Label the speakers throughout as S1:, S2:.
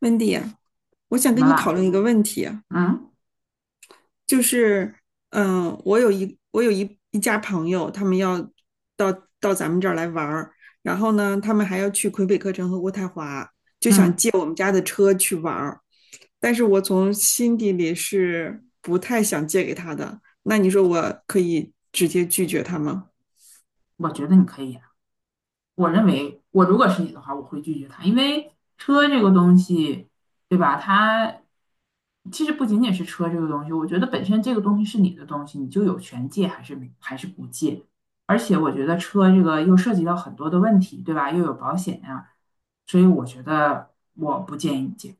S1: 温迪，我想
S2: 怎
S1: 跟
S2: 么
S1: 你讨
S2: 啦？
S1: 论一个问题啊。
S2: 嗯
S1: 就是，我有一家朋友，他们要到到咱们这儿来玩儿，然后呢，他们还要去魁北克城和渥太华，就想
S2: 嗯，
S1: 借我们家的车去玩儿。但是我从心底里是不太想借给他的，那你说我可以直接拒绝他吗？
S2: 我觉得你可以啊。我认为，我如果是你的话，我会拒绝他，因为车这个东西，对吧？它其实不仅仅是车这个东西，我觉得本身这个东西是你的东西，你就有权借还是不借。而且我觉得车这个又涉及到很多的问题，对吧？又有保险呀、所以我觉得我不建议你借。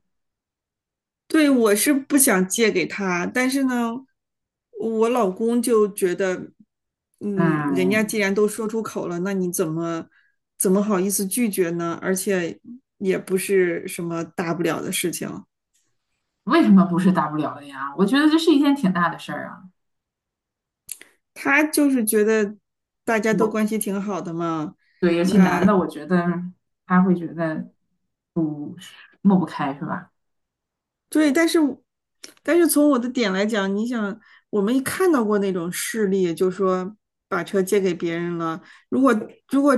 S1: 对，我是不想借给他，但是呢，我老公就觉得，嗯，人家
S2: 嗯，
S1: 既然都说出口了，那你怎么好意思拒绝呢？而且也不是什么大不了的事情，
S2: 为什么不是大不了的呀？我觉得这是一件挺大的事儿啊。
S1: 他就是觉得大家都
S2: 我
S1: 关系挺好的嘛。
S2: 对，尤其男的，
S1: 那
S2: 我觉得他会觉得抹不开，是吧？
S1: 对，但是从我的点来讲，你想，我们看到过那种事例，就说把车借给别人了。如果如果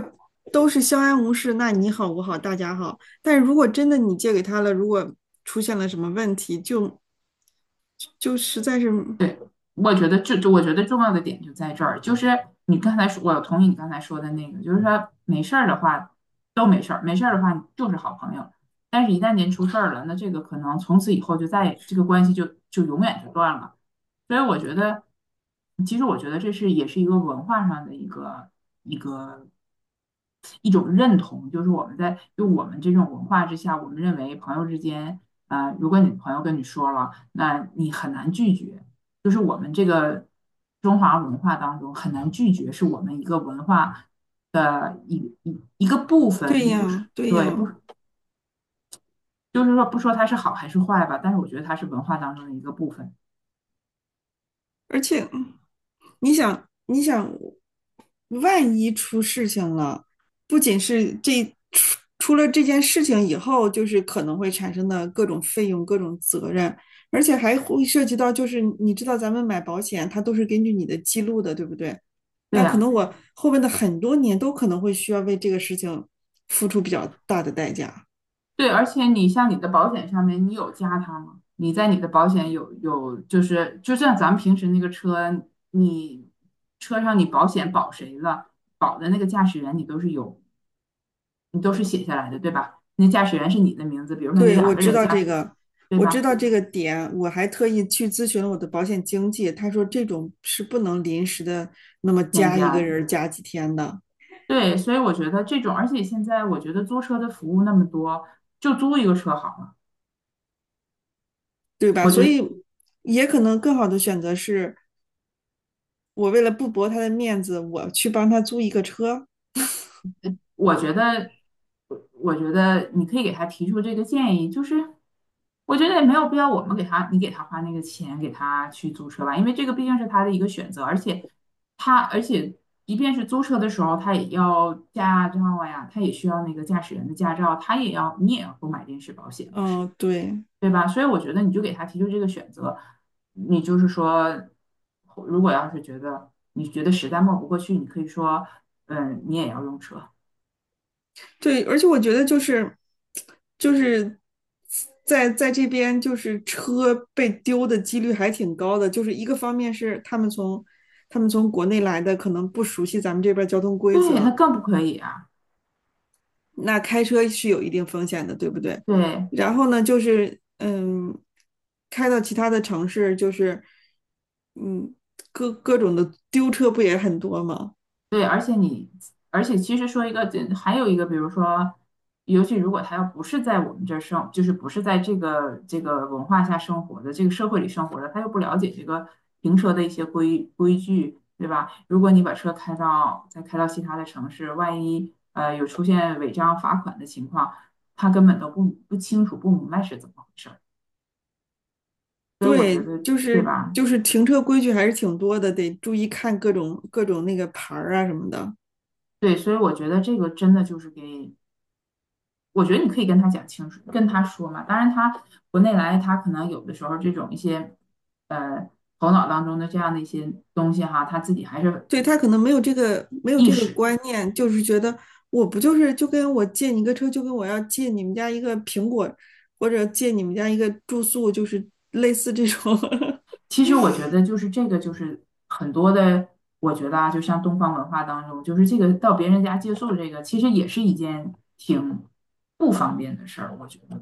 S1: 都是相安无事，那你好我好大家好。但是如果真的你借给他了，如果出现了什么问题，就实在是
S2: 我觉得这我觉得重要的点就在这儿，就是你刚才说，我同意你刚才说的那个，就是说没事儿的话都没事儿，没事儿的话就是好朋友，但是一旦您出事儿了，那这个可能从此以后就再也这个关系就永远就断了。所以我觉得，其实我觉得这是也是一个文化上的一个。一种认同，就是我们这种文化之下，我们认为朋友之间，如果你朋友跟你说了，那你很难拒绝，就是我们这个中华文化当中很难拒绝，是我们一个文化的一个部
S1: 对
S2: 分，不是
S1: 呀，对
S2: 对不
S1: 呀。
S2: 就是说不说它是好还是坏吧，但是我觉得它是文化当中的一个部分，
S1: 而且你想，你想，万一出事情了，不仅是这出了这件事情以后，就是可能会产生的各种费用、各种责任，而且还会涉及到，就是你知道咱们买保险，它都是根据你的记录的，对不对？
S2: 对
S1: 那可
S2: 呀、
S1: 能我后面的很多年都可能会需要为这个事情付出比较大的代价。
S2: 对，而且你像你的保险上面，你有加他吗？你在你的保险有，就是就像咱们平时那个车，你车上你保险保谁了，保的那个驾驶员你都是有，你都是写下来的，对吧？那驾驶员是你的名字，比如说你
S1: 对，
S2: 两
S1: 我
S2: 个
S1: 知
S2: 人
S1: 道
S2: 驾
S1: 这
S2: 驶，
S1: 个，
S2: 对
S1: 我知
S2: 吧？
S1: 道这个点，我还特意去咨询了我的保险经纪，他说这种是不能临时的，那么
S2: 添
S1: 加一
S2: 加
S1: 个
S2: 的，
S1: 人儿加几天的，
S2: 对，所以我觉得这种，而且现在我觉得租车的服务那么多，就租一个车好了。
S1: 对吧？
S2: 我
S1: 所
S2: 觉得
S1: 以也可能更好的选择是我为了不驳他的面子，我去帮他租一个车。
S2: 我觉得，我觉得你可以给他提出这个建议，就是我觉得也没有必要我们给他，你给他花那个钱给他去租车吧，因为这个毕竟是他的一个选择，而且他而且即便是租车的时候，他也要驾照呀，他也需要那个驾驶员的驾照，他也要你也要购买临时保险，不是，
S1: 嗯，对，
S2: 对吧？所以我觉得你就给他提出这个选择，你就是说，如果要是你觉得实在抹不过去，你可以说，嗯，你也要用车。
S1: 对，而且我觉得就是就是在这边，就是车被丢的几率还挺高的。就是一个方面是他们从国内来的，可能不熟悉咱们这边交通规
S2: 对，那
S1: 则，
S2: 更不可以啊！
S1: 那开车是有一定风险的，对不对？
S2: 对
S1: 然后呢，就是开到其他的城市，就是嗯，各种的丢车不也很多吗？
S2: 对，而且你，而且其实说一个，还有一个，比如说，尤其如果他要不是在我们这儿生，就是不是在这个文化下生活的，这个社会里生活的，他又不了解这个停车的一些规矩，对吧？如果你把车开到其他的城市，万一有出现违章罚款的情况，他根本都不清楚不明白是怎么回事儿，所以我觉
S1: 对，
S2: 得，对吧？
S1: 就是停车规矩还是挺多的，得注意看各种那个牌儿啊什么的。
S2: 对，所以我觉得这个真的就是给。我觉得你可以跟他讲清楚，跟他说嘛。当然他，国内来，他可能有的时候这种一些呃头脑当中的这样的一些东西哈，他自己还是
S1: 对，他可能没有
S2: 意
S1: 这个
S2: 识。
S1: 观念，就是觉得我不就是就跟我借你个车，就跟我要借你们家一个苹果，或者借你们家一个住宿，就是类似这种。
S2: 其实我觉得就是这个，就是很多的，我觉得啊，就像东方文化当中，就是这个到别人家借宿这个，其实也是一件挺不方便的事儿。我觉得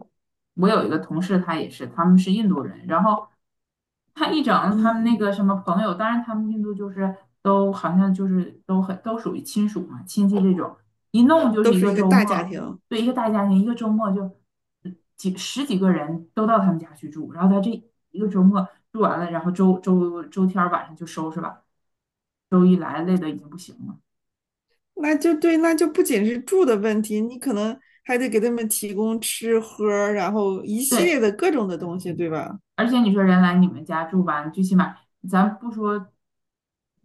S2: 我有一个同事，他也是，他们是印度人，然后他一 整他们
S1: 嗯，
S2: 那个什么朋友，当然他们印度就是都好像就是都很都属于亲属嘛，亲戚这种，一弄就是
S1: 都
S2: 一
S1: 是
S2: 个
S1: 一个
S2: 周
S1: 大家
S2: 末，
S1: 庭，
S2: 对，一个大家庭，一个周末就几十几个人都到他们家去住，然后他这一个周末住完了，然后周周周天儿晚上就收拾吧，周一来累的已经不行了。
S1: 那就对，那就不仅是住的问题，你可能还得给他们提供吃喝然后一系列
S2: 对，
S1: 的各种的东西，对吧？
S2: 而且你说人来你们家住吧，你最起码咱不说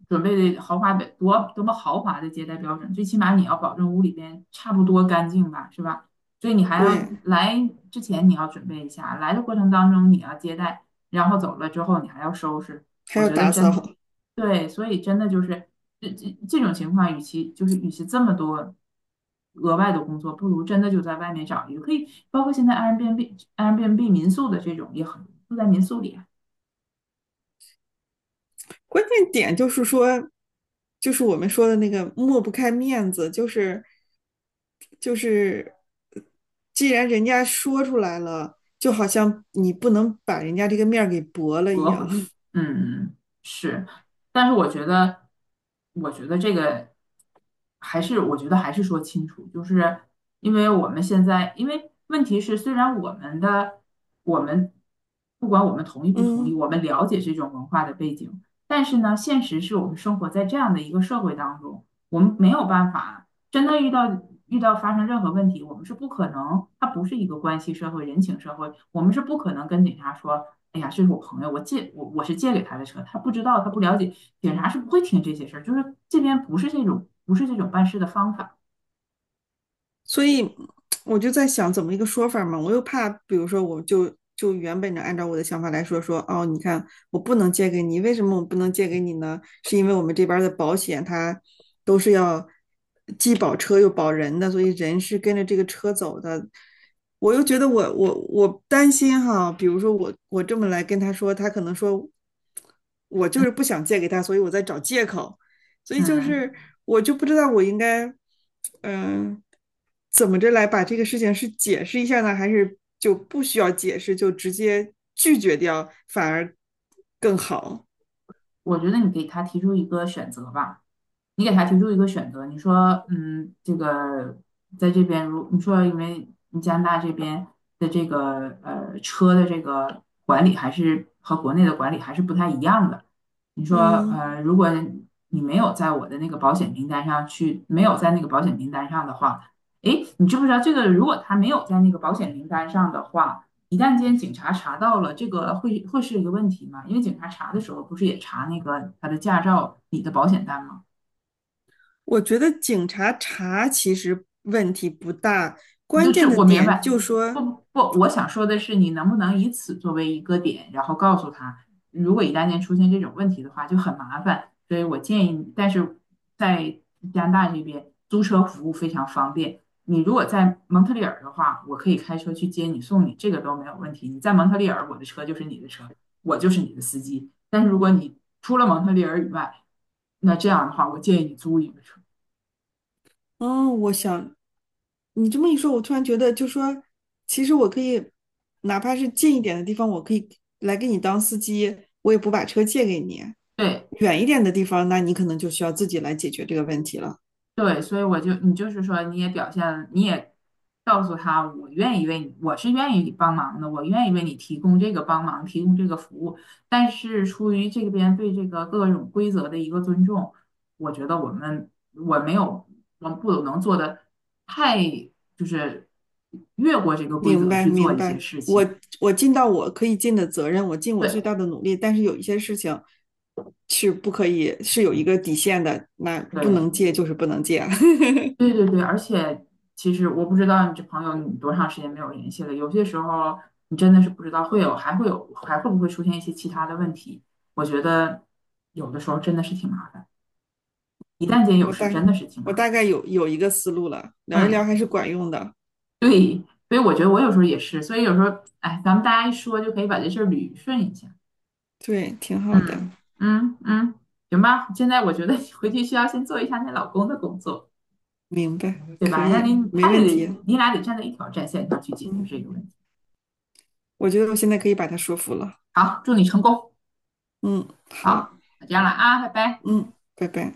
S2: 准备的豪华的多么豪华的接待标准，最起码你要保证屋里边差不多干净吧，是吧？所以你还
S1: 对，
S2: 要
S1: 嗯，
S2: 来之前你要准备一下，来的过程当中你要接待，然后走了之后你还要收拾。
S1: 还
S2: 我
S1: 要
S2: 觉得
S1: 打
S2: 真
S1: 扫。
S2: 对，所以真的就是。这种情况，与其这么多额外的工作，不如真的就在外面找一个，可以包括现在 Airbnb 民宿的这种也很多住在民宿里。
S1: 关键点就是说，就是我们说的那个抹不开面子，就是就是，既然人家说出来了，就好像你不能把人家这个面儿给驳了一
S2: 折回
S1: 样。
S2: 去。嗯，是，但是我觉得这个还是，我觉得还是说清楚，就是因为我们现在，因为问题是，虽然我们不管我们同意不同意，
S1: 嗯，
S2: 我们了解这种文化的背景，但是呢，现实是我们生活在这样的一个社会当中，我们没有办法真的遇到发生任何问题，我们是不可能，它不是一个关系社会、人情社会，我们是不可能跟警察说，哎呀，这是我朋友，我是借给他的车，他不知道，他不了解，警察是不会听这些事儿，就是这边不是这种办事的方法。
S1: 所以我就在想怎么一个说法嘛，我又怕，比如说我就原本的按照我的想法来说，说哦，你看我不能借给你，为什么我不能借给你呢？是因为我们这边的保险它都是要既保车又保人的，所以人是跟着这个车走的。我又觉得我担心哈，比如说我这么来跟他说，他可能说我就是不想借给他，所以我在找借口。所以就
S2: 嗯，
S1: 是我就不知道我应该，嗯、呃怎么着来把这个事情是解释一下呢，还是就不需要解释，就直接拒绝掉，反而更好。
S2: 我觉得你给他提出一个选择吧。你给他提出一个选择，你说，嗯，这个在这边如你说，因为你加拿大这边的这个车的这个管理还是和国内的管理还是不太一样的。你说，
S1: 嗯，
S2: 如果你没有在我的那个保险名单上去，没有在那个保险名单上的话，诶，你知不知道这个？如果他没有在那个保险名单上的话，一旦间警察查到了，这个会是一个问题吗？因为警察查的时候不是也查那个他的驾照、你的保险单吗？
S1: 我觉得警察查其实问题不大，关
S2: 就是
S1: 键的
S2: 我明
S1: 点
S2: 白，
S1: 就
S2: 不
S1: 说，
S2: 不，我想说的是，你能不能以此作为一个点，然后告诉他，如果一旦间出现这种问题的话，就很麻烦。所以我建议你，但是在加拿大这边租车服务非常方便。你如果在蒙特利尔的话，我可以开车去接你送你，这个都没有问题。你在蒙特利尔，我的车就是你的车，我就是你的司机。但是如果你除了蒙特利尔以外，那这样的话，我建议你租一个车。
S1: 嗯，哦，我想你这么一说，我突然觉得，就说其实我可以，哪怕是近一点的地方，我可以来给你当司机，我也不把车借给你。
S2: 对，
S1: 远一点的地方，那你可能就需要自己来解决这个问题了。
S2: 对，所以你就是说，你也表现，你也告诉他，我愿意为你，我是愿意帮忙的，我愿意为你提供这个帮忙，提供这个服务。但是出于这边对这个各种规则的一个尊重，我觉得我没有，我不能做的太就是越过这个规
S1: 明
S2: 则
S1: 白，
S2: 去做
S1: 明
S2: 一些
S1: 白。
S2: 事情。
S1: 我尽到我可以尽的责任，我尽我最
S2: 对
S1: 大的努力，但是有一些事情是不可以，是有一个底线的，那不能
S2: 对。
S1: 借就是不能借。
S2: 对对对，而且其实我不知道你这朋友你多长时间没有联系了，有些时候你真的是不知道会有，还会有，还会不会出现一些其他的问题。我觉得有的时候真的是挺麻烦，一旦间 有
S1: 我大
S2: 事真的是挺
S1: 我
S2: 麻
S1: 大
S2: 烦。
S1: 概有一个思路了，聊一聊
S2: 嗯，
S1: 还是管用的，
S2: 对，所以我觉得我有时候也是，所以有时候，哎，咱们大家一说就可以把这事儿捋顺一下。
S1: 对，挺好的。
S2: 嗯嗯嗯，行吧，现在我觉得你回去需要先做一下你老公的工作，
S1: 明白，
S2: 对
S1: 可
S2: 吧？
S1: 以，没
S2: 他也
S1: 问
S2: 得，
S1: 题。
S2: 你俩得站在一条战线上去解决
S1: 嗯，
S2: 这个问题。
S1: 我觉得我现在可以把他说服了。
S2: 好，祝你成功。
S1: 嗯，好，
S2: 好，那见了啊，拜拜。
S1: 嗯，拜拜。